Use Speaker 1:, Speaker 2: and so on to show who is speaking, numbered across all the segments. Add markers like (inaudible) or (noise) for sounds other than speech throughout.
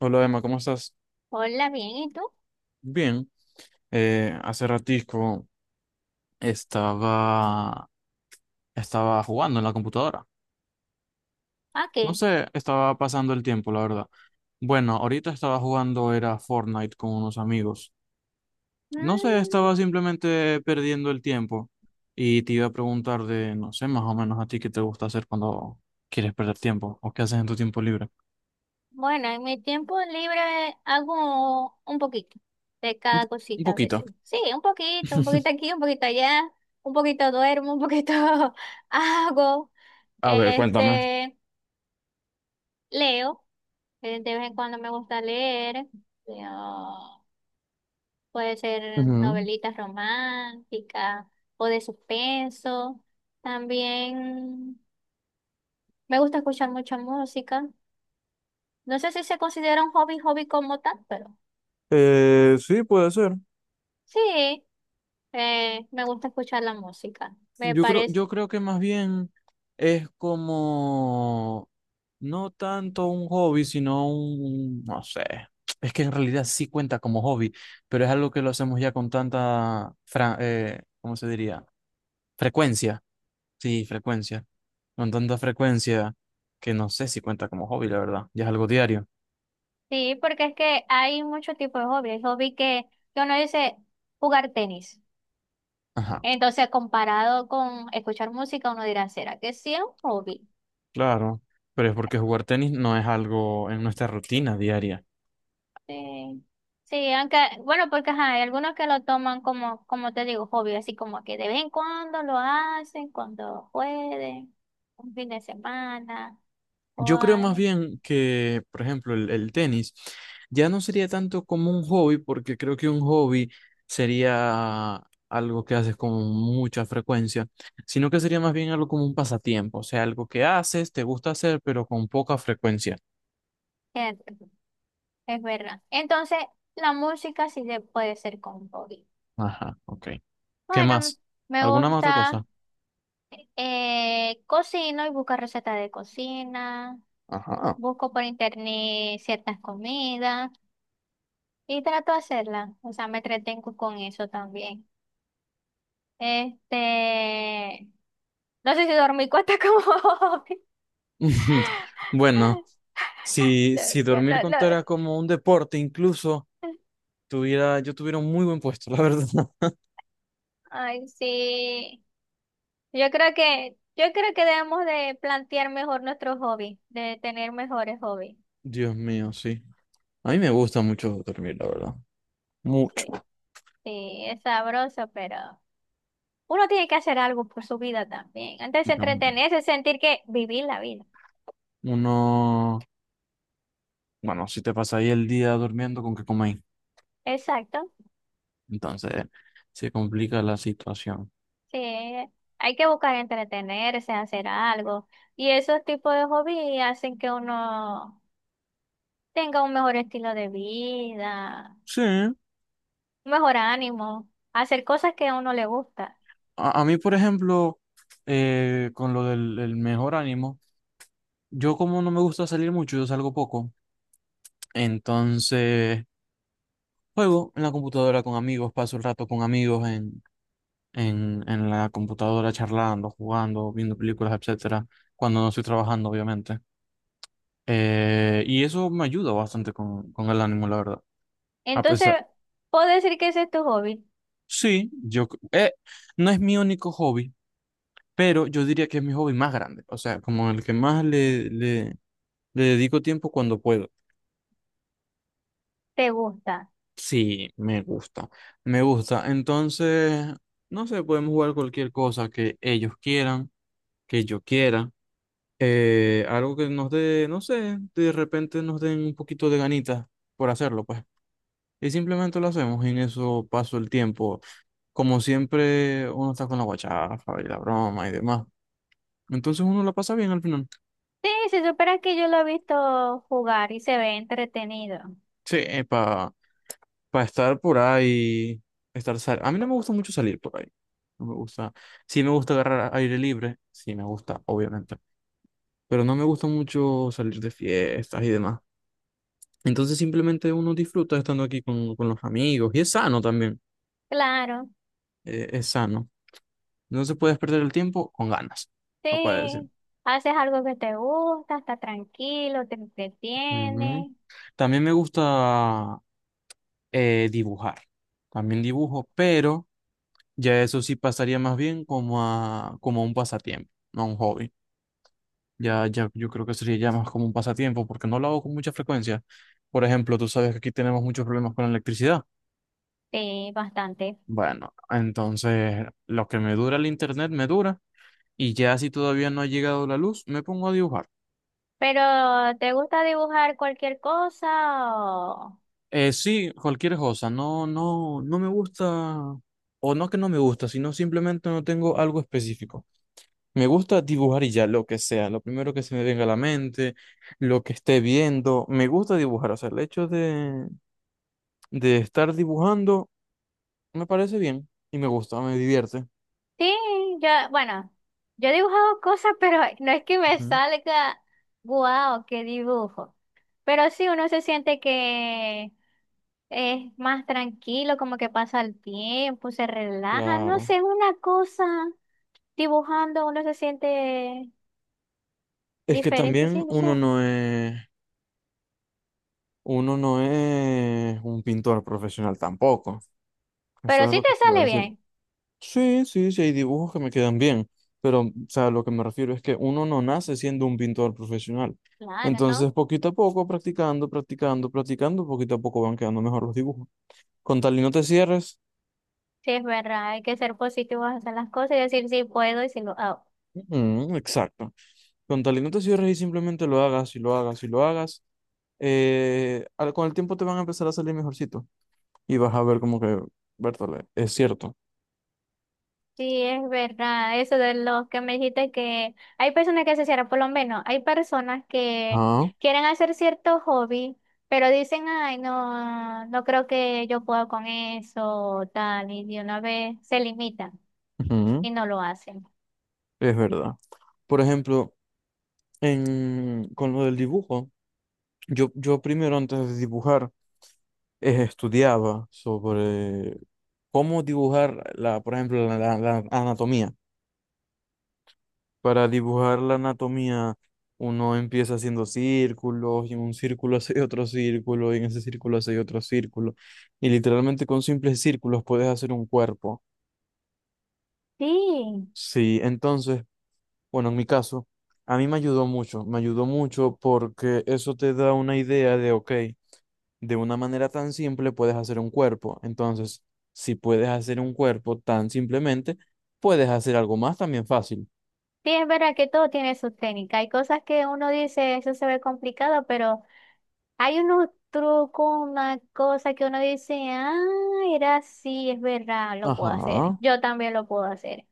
Speaker 1: Hola Emma, ¿cómo estás?
Speaker 2: Hola, bien, ¿y tú?
Speaker 1: Bien. Hace ratisco estaba, estaba jugando en la computadora.
Speaker 2: ¿A qué?
Speaker 1: No sé, estaba pasando el tiempo, la verdad. Bueno, ahorita estaba jugando, era Fortnite con unos amigos. No sé,
Speaker 2: Mm,
Speaker 1: estaba simplemente perdiendo el tiempo. Y te iba a preguntar de, no sé, más o menos a ti qué te gusta hacer cuando quieres perder tiempo o qué haces en tu tiempo libre.
Speaker 2: bueno, en mi tiempo libre hago un poquito de
Speaker 1: Un,
Speaker 2: cada
Speaker 1: po- un
Speaker 2: cosita a
Speaker 1: poquito.
Speaker 2: veces. Sí, un
Speaker 1: (laughs)
Speaker 2: poquito aquí, un poquito allá, un poquito duermo, un poquito (laughs) hago,
Speaker 1: A ver, cuéntame.
Speaker 2: este, leo, de vez en cuando me gusta leer, leo, puede ser
Speaker 1: Ujú.
Speaker 2: novelitas románticas o de suspenso, también me gusta escuchar mucha música. No sé si se considera un hobby como tal, pero
Speaker 1: Sí, puede ser.
Speaker 2: sí, me gusta escuchar la música. Me
Speaker 1: Yo creo,
Speaker 2: parece,
Speaker 1: yo creo que más bien es como no tanto un hobby, sino un, no sé, es que en realidad sí cuenta como hobby, pero es algo que lo hacemos ya con tanta, ¿cómo se diría? Frecuencia, sí, frecuencia, con tanta frecuencia que no sé si cuenta como hobby, la verdad, ya es algo diario.
Speaker 2: sí, porque es que hay muchos tipos de hobby. Hay hobby que uno dice jugar tenis.
Speaker 1: Ajá,
Speaker 2: Entonces, comparado con escuchar música, uno dirá, ¿será que sí es un hobby?
Speaker 1: claro, pero es porque jugar tenis no es algo en nuestra rutina diaria.
Speaker 2: Sí. Sí, aunque, bueno, porque ajá, hay algunos que lo toman como, como te digo, hobby, así como que de vez en cuando lo hacen, cuando pueden, un fin de semana o
Speaker 1: Yo creo más
Speaker 2: algo.
Speaker 1: bien que, por ejemplo, el tenis ya no sería tanto como un hobby, porque creo que un hobby sería algo que haces con mucha frecuencia, sino que sería más bien algo como un pasatiempo, o sea, algo que haces, te gusta hacer, pero con poca frecuencia.
Speaker 2: ¿Cierto? Es verdad. Entonces, la música sí se puede ser con hobby.
Speaker 1: Ajá, ok. ¿Qué
Speaker 2: Bueno,
Speaker 1: más?
Speaker 2: me
Speaker 1: ¿Alguna más otra
Speaker 2: gusta,
Speaker 1: cosa?
Speaker 2: cocino y busco recetas de cocina,
Speaker 1: Ajá.
Speaker 2: busco por internet ciertas comidas y trato de hacerlas. O sea, me entretengo con eso también. Este, no sé si dormí cuenta como hobby.
Speaker 1: (laughs) Bueno.
Speaker 2: (laughs)
Speaker 1: Si,
Speaker 2: No,
Speaker 1: si
Speaker 2: yo
Speaker 1: dormir
Speaker 2: no- no.
Speaker 1: contara como un deporte, incluso yo tuviera un muy buen puesto, (laughs) la verdad.
Speaker 2: Ay, sí. Yo creo que debemos de plantear mejor nuestros hobbies, de tener mejores hobbies.
Speaker 1: Dios mío, sí. A mí me gusta mucho dormir, la verdad. Mucho.
Speaker 2: Sí, sí, es sabroso, pero uno tiene que hacer algo por su vida también. Antes de
Speaker 1: No,
Speaker 2: entretenerse, sentir que vivir la vida.
Speaker 1: uno, bueno, si te pasa ahí el día durmiendo, ¿con qué coméis?
Speaker 2: Exacto.
Speaker 1: Entonces, se complica la situación.
Speaker 2: Sí, hay que buscar entretenerse, hacer algo. Y esos tipos de hobbies hacen que uno tenga un mejor estilo de vida,
Speaker 1: Sí,
Speaker 2: un mejor ánimo, hacer cosas que a uno le gusta.
Speaker 1: a mí, por ejemplo, con lo del el mejor ánimo, yo como no me gusta salir mucho, yo salgo poco. Entonces, juego en la computadora con amigos, paso el rato con amigos en la computadora charlando, jugando, viendo películas, etcétera, cuando no estoy trabajando, obviamente. Y eso me ayuda bastante con el ánimo, la verdad. A
Speaker 2: Entonces,
Speaker 1: pesar,
Speaker 2: puedo decir que ese es tu hobby,
Speaker 1: sí, yo, c- No es mi único hobby, pero yo diría que es mi hobby más grande, o sea, como el que más le dedico tiempo cuando puedo.
Speaker 2: te gusta.
Speaker 1: Sí, me gusta, me gusta. Entonces, no sé, podemos jugar cualquier cosa que ellos quieran, que yo quiera. Algo que nos dé, no sé, de repente nos den un poquito de ganitas por hacerlo, pues. Y simplemente lo hacemos, y en eso paso el tiempo. Como siempre, uno está con la guachafa y la broma y demás. Entonces uno la pasa bien al final.
Speaker 2: Sí, se supone que yo lo he visto jugar y se ve entretenido.
Speaker 1: Sí, para estar por ahí, estar sal a mí no me gusta mucho salir por ahí. No me gusta. Sí me gusta agarrar aire libre, sí me gusta, obviamente. Pero no me gusta mucho salir de fiestas y demás. Entonces simplemente uno disfruta estando aquí con los amigos y es sano también,
Speaker 2: Claro.
Speaker 1: es sano. No se puede perder el tiempo con ganas, no puede decir.
Speaker 2: Sí, haces algo que te gusta, está tranquilo, te
Speaker 1: Ujú.
Speaker 2: entretiene,
Speaker 1: También me gusta dibujar, también dibujo, pero ya eso sí pasaría más bien como a un pasatiempo, no a un hobby. Ya, yo creo que sería ya más como un pasatiempo porque no lo hago con mucha frecuencia. Por ejemplo, tú sabes que aquí tenemos muchos problemas con la electricidad.
Speaker 2: sí, bastante.
Speaker 1: Bueno, entonces lo que me dura el internet me dura. Y ya si todavía no ha llegado la luz, me pongo a dibujar.
Speaker 2: Pero, ¿te gusta dibujar cualquier cosa? O...
Speaker 1: Sí, cualquier cosa. No me gusta, o no que no me gusta, sino simplemente no tengo algo específico. Me gusta dibujar y ya, lo que sea, lo primero que se me venga a la mente, lo que esté viendo. Me gusta dibujar, o sea, el hecho de estar dibujando me parece bien y me gusta, me divierte.
Speaker 2: Sí, yo, bueno, yo he dibujado cosas, (laughs) pero no es que me
Speaker 1: Ujú.
Speaker 2: salga, guau, qué dibujo. Pero sí, uno se siente que es más tranquilo, como que pasa el tiempo, se relaja, no
Speaker 1: Claro.
Speaker 2: sé, una cosa, dibujando uno se siente
Speaker 1: Es que
Speaker 2: diferente, sí,
Speaker 1: también
Speaker 2: no
Speaker 1: uno
Speaker 2: sé.
Speaker 1: no es. Uno no es un pintor profesional tampoco.
Speaker 2: Pero
Speaker 1: Eso es
Speaker 2: sí
Speaker 1: lo
Speaker 2: te
Speaker 1: que te iba a
Speaker 2: sale
Speaker 1: decir.
Speaker 2: bien,
Speaker 1: Sí, hay dibujos que me quedan bien, pero, o sea, lo que me refiero es que uno no nace siendo un pintor profesional.
Speaker 2: claro, ¿no?
Speaker 1: Entonces, poquito a poco, practicando, practicando, practicando, poquito a poco van quedando mejor los dibujos. Con tal y no te cierres,
Speaker 2: Sí, es verdad, hay que ser positivos, hacer las cosas y decir sí puedo y si lo hago.
Speaker 1: ujú, exacto. Con tal y no te cierres y simplemente lo hagas y lo hagas y lo hagas, con el tiempo te van a empezar a salir mejorcito y vas a ver como que, Bertole, es cierto.
Speaker 2: Sí, es verdad, eso de los que me dijiste que hay personas que se cierran, por lo menos, hay personas que
Speaker 1: Ah.
Speaker 2: quieren hacer cierto hobby, pero dicen, ay, no, no creo que yo pueda con eso, tal, y de una vez se limitan
Speaker 1: Ujú.
Speaker 2: y no lo hacen.
Speaker 1: Es verdad. Por ejemplo, con lo del dibujo, yo primero antes de dibujar estudiaba sobre cómo dibujar, la, por ejemplo, la- la anatomía. Para dibujar la anatomía, uno empieza haciendo círculos y en un círculo (laughs) hace otro círculo y en ese círculo hace otro círculo. Y literalmente con simples círculos puedes hacer un cuerpo.
Speaker 2: Sí,
Speaker 1: Sí, entonces... Bueno, en mi caso, a mí me ayudó mucho porque eso te da una idea de, ok, de una manera tan simple puedes hacer un cuerpo. Entonces, si puedes hacer un cuerpo tan simplemente, puedes hacer algo más también fácil.
Speaker 2: sí, es verdad que todo tiene su técnica. Hay cosas que uno dice, eso se ve complicado, pero... Hay unos trucos, una cosa que uno dice, ah, era así, es verdad, lo puedo hacer.
Speaker 1: Ajá.
Speaker 2: Yo también lo puedo hacer.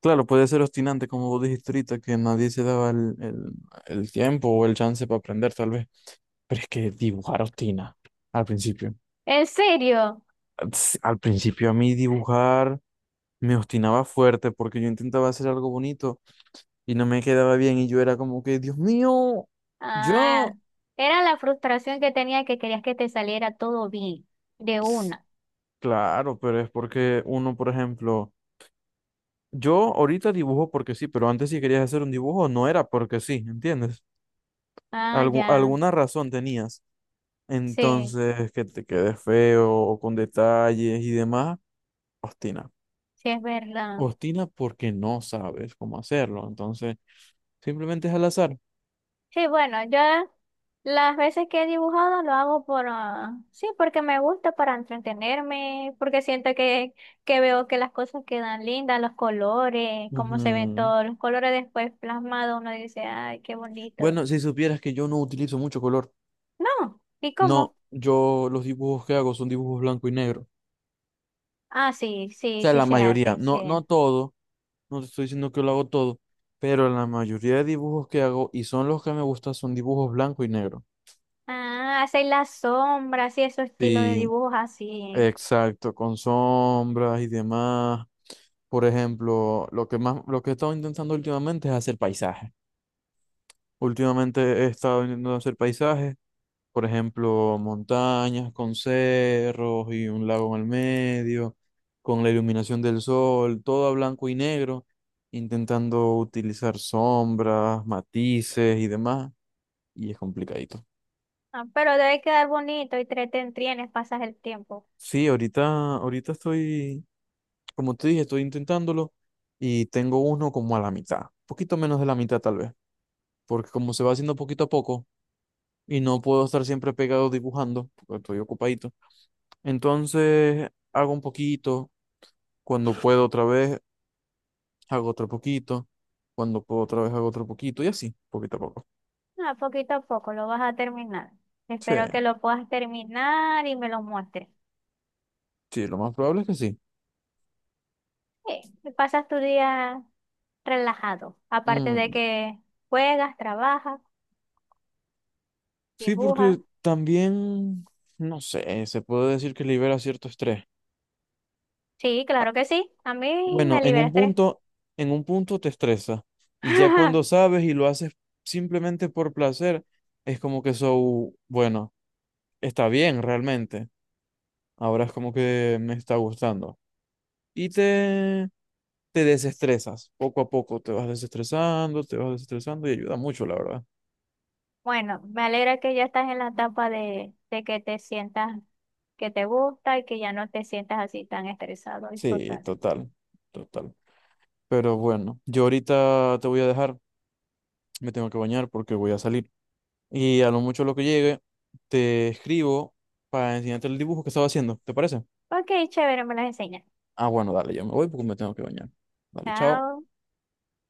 Speaker 1: Claro, puede ser obstinante, como vos dijiste ahorita, que nadie se daba el tiempo o el chance para aprender, tal vez. Pero es que dibujar obstina al principio.
Speaker 2: ¿En serio?
Speaker 1: Al principio a mí dibujar me obstinaba fuerte porque yo intentaba hacer algo bonito y no me quedaba bien y yo era como que, Dios mío,
Speaker 2: Ah,
Speaker 1: yo,
Speaker 2: era la frustración que tenía que querías que te saliera todo bien, de
Speaker 1: Ps,
Speaker 2: una.
Speaker 1: claro, pero es porque uno, por ejemplo, yo ahorita dibujo porque sí, pero antes si querías hacer un dibujo no era porque sí, ¿entiendes?
Speaker 2: Ah, ya,
Speaker 1: Alguna razón tenías.
Speaker 2: sí,
Speaker 1: Entonces, que te quedes feo, o con detalles y demás, ostina.
Speaker 2: sí es verdad.
Speaker 1: Ostina porque no sabes cómo hacerlo, entonces simplemente es al azar.
Speaker 2: Sí, bueno, yo las veces que he dibujado lo hago por, ah, sí, porque me gusta para entretenerme, porque siento que veo que las cosas quedan lindas, los colores, cómo se ven
Speaker 1: Ujú.
Speaker 2: todos los colores después plasmados, uno dice, ay, qué bonito.
Speaker 1: Bueno, si supieras que yo no utilizo mucho color.
Speaker 2: No, ¿y cómo?
Speaker 1: No, yo los dibujos que hago son dibujos blanco y negro. O
Speaker 2: Ah, sí, sí,
Speaker 1: sea,
Speaker 2: sí
Speaker 1: la
Speaker 2: se
Speaker 1: mayoría,
Speaker 2: hacen, sí.
Speaker 1: no, no todo, no te estoy diciendo que lo hago todo, pero la mayoría de dibujos que hago y son los que me gustan son dibujos blanco y negro.
Speaker 2: Ah, hacen las sombras y esos estilos de
Speaker 1: Sí,
Speaker 2: dibujos así.
Speaker 1: exacto, con sombras y demás. Por ejemplo, lo que más, lo que he estado intentando últimamente es hacer paisajes. Últimamente he estado intentando hacer paisajes, por ejemplo, montañas con cerros y un lago en el medio, con la iluminación del sol, todo a blanco y negro, intentando utilizar sombras, matices y demás, y es complicadito.
Speaker 2: Ah, pero debe quedar bonito y te entretienes, pasas el tiempo.
Speaker 1: Sí, ahorita estoy, como te dije, estoy intentándolo y tengo uno como a la mitad, poquito menos de la mitad tal vez, porque como se va haciendo poquito a poco, y no puedo estar siempre pegado dibujando porque estoy ocupadito. Entonces hago un poquito, cuando puedo otra vez hago otro poquito, cuando puedo otra vez hago otro poquito y así, poquito a poco.
Speaker 2: Ah, poquito a poco lo vas a terminar.
Speaker 1: Sí,
Speaker 2: Espero que lo puedas terminar y me lo muestres.
Speaker 1: sí, lo más probable es que sí.
Speaker 2: Sí, y pasas tu día relajado. Aparte de
Speaker 1: Mm,
Speaker 2: que juegas, trabajas,
Speaker 1: sí,
Speaker 2: dibujas.
Speaker 1: porque también, no sé, se puede decir que libera cierto estrés.
Speaker 2: Sí, claro que sí. A mí me
Speaker 1: Bueno,
Speaker 2: libera estrés.
Speaker 1: en un punto te estresa y ya cuando
Speaker 2: (laughs)
Speaker 1: sabes y lo haces simplemente por placer, es como que eso, bueno, está bien realmente. Ahora es como que me está gustando. Y te, Te desestresas. Poco a poco te vas desestresando y ayuda mucho, la verdad.
Speaker 2: Bueno, me alegra que ya estás en la etapa de que te sientas que te gusta y que ya no te sientas así tan estresado y
Speaker 1: Sí,
Speaker 2: frustrante.
Speaker 1: total, total. Pero bueno, yo ahorita te voy a dejar. Me tengo que bañar porque voy a salir. Y a lo mucho lo que llegue, te escribo para enseñarte el dibujo que estaba haciendo. ¿Te parece?
Speaker 2: Ok, chévere, me las enseñas.
Speaker 1: Ah, bueno, dale, yo me voy porque me tengo que bañar. Dale, chao.
Speaker 2: Chao.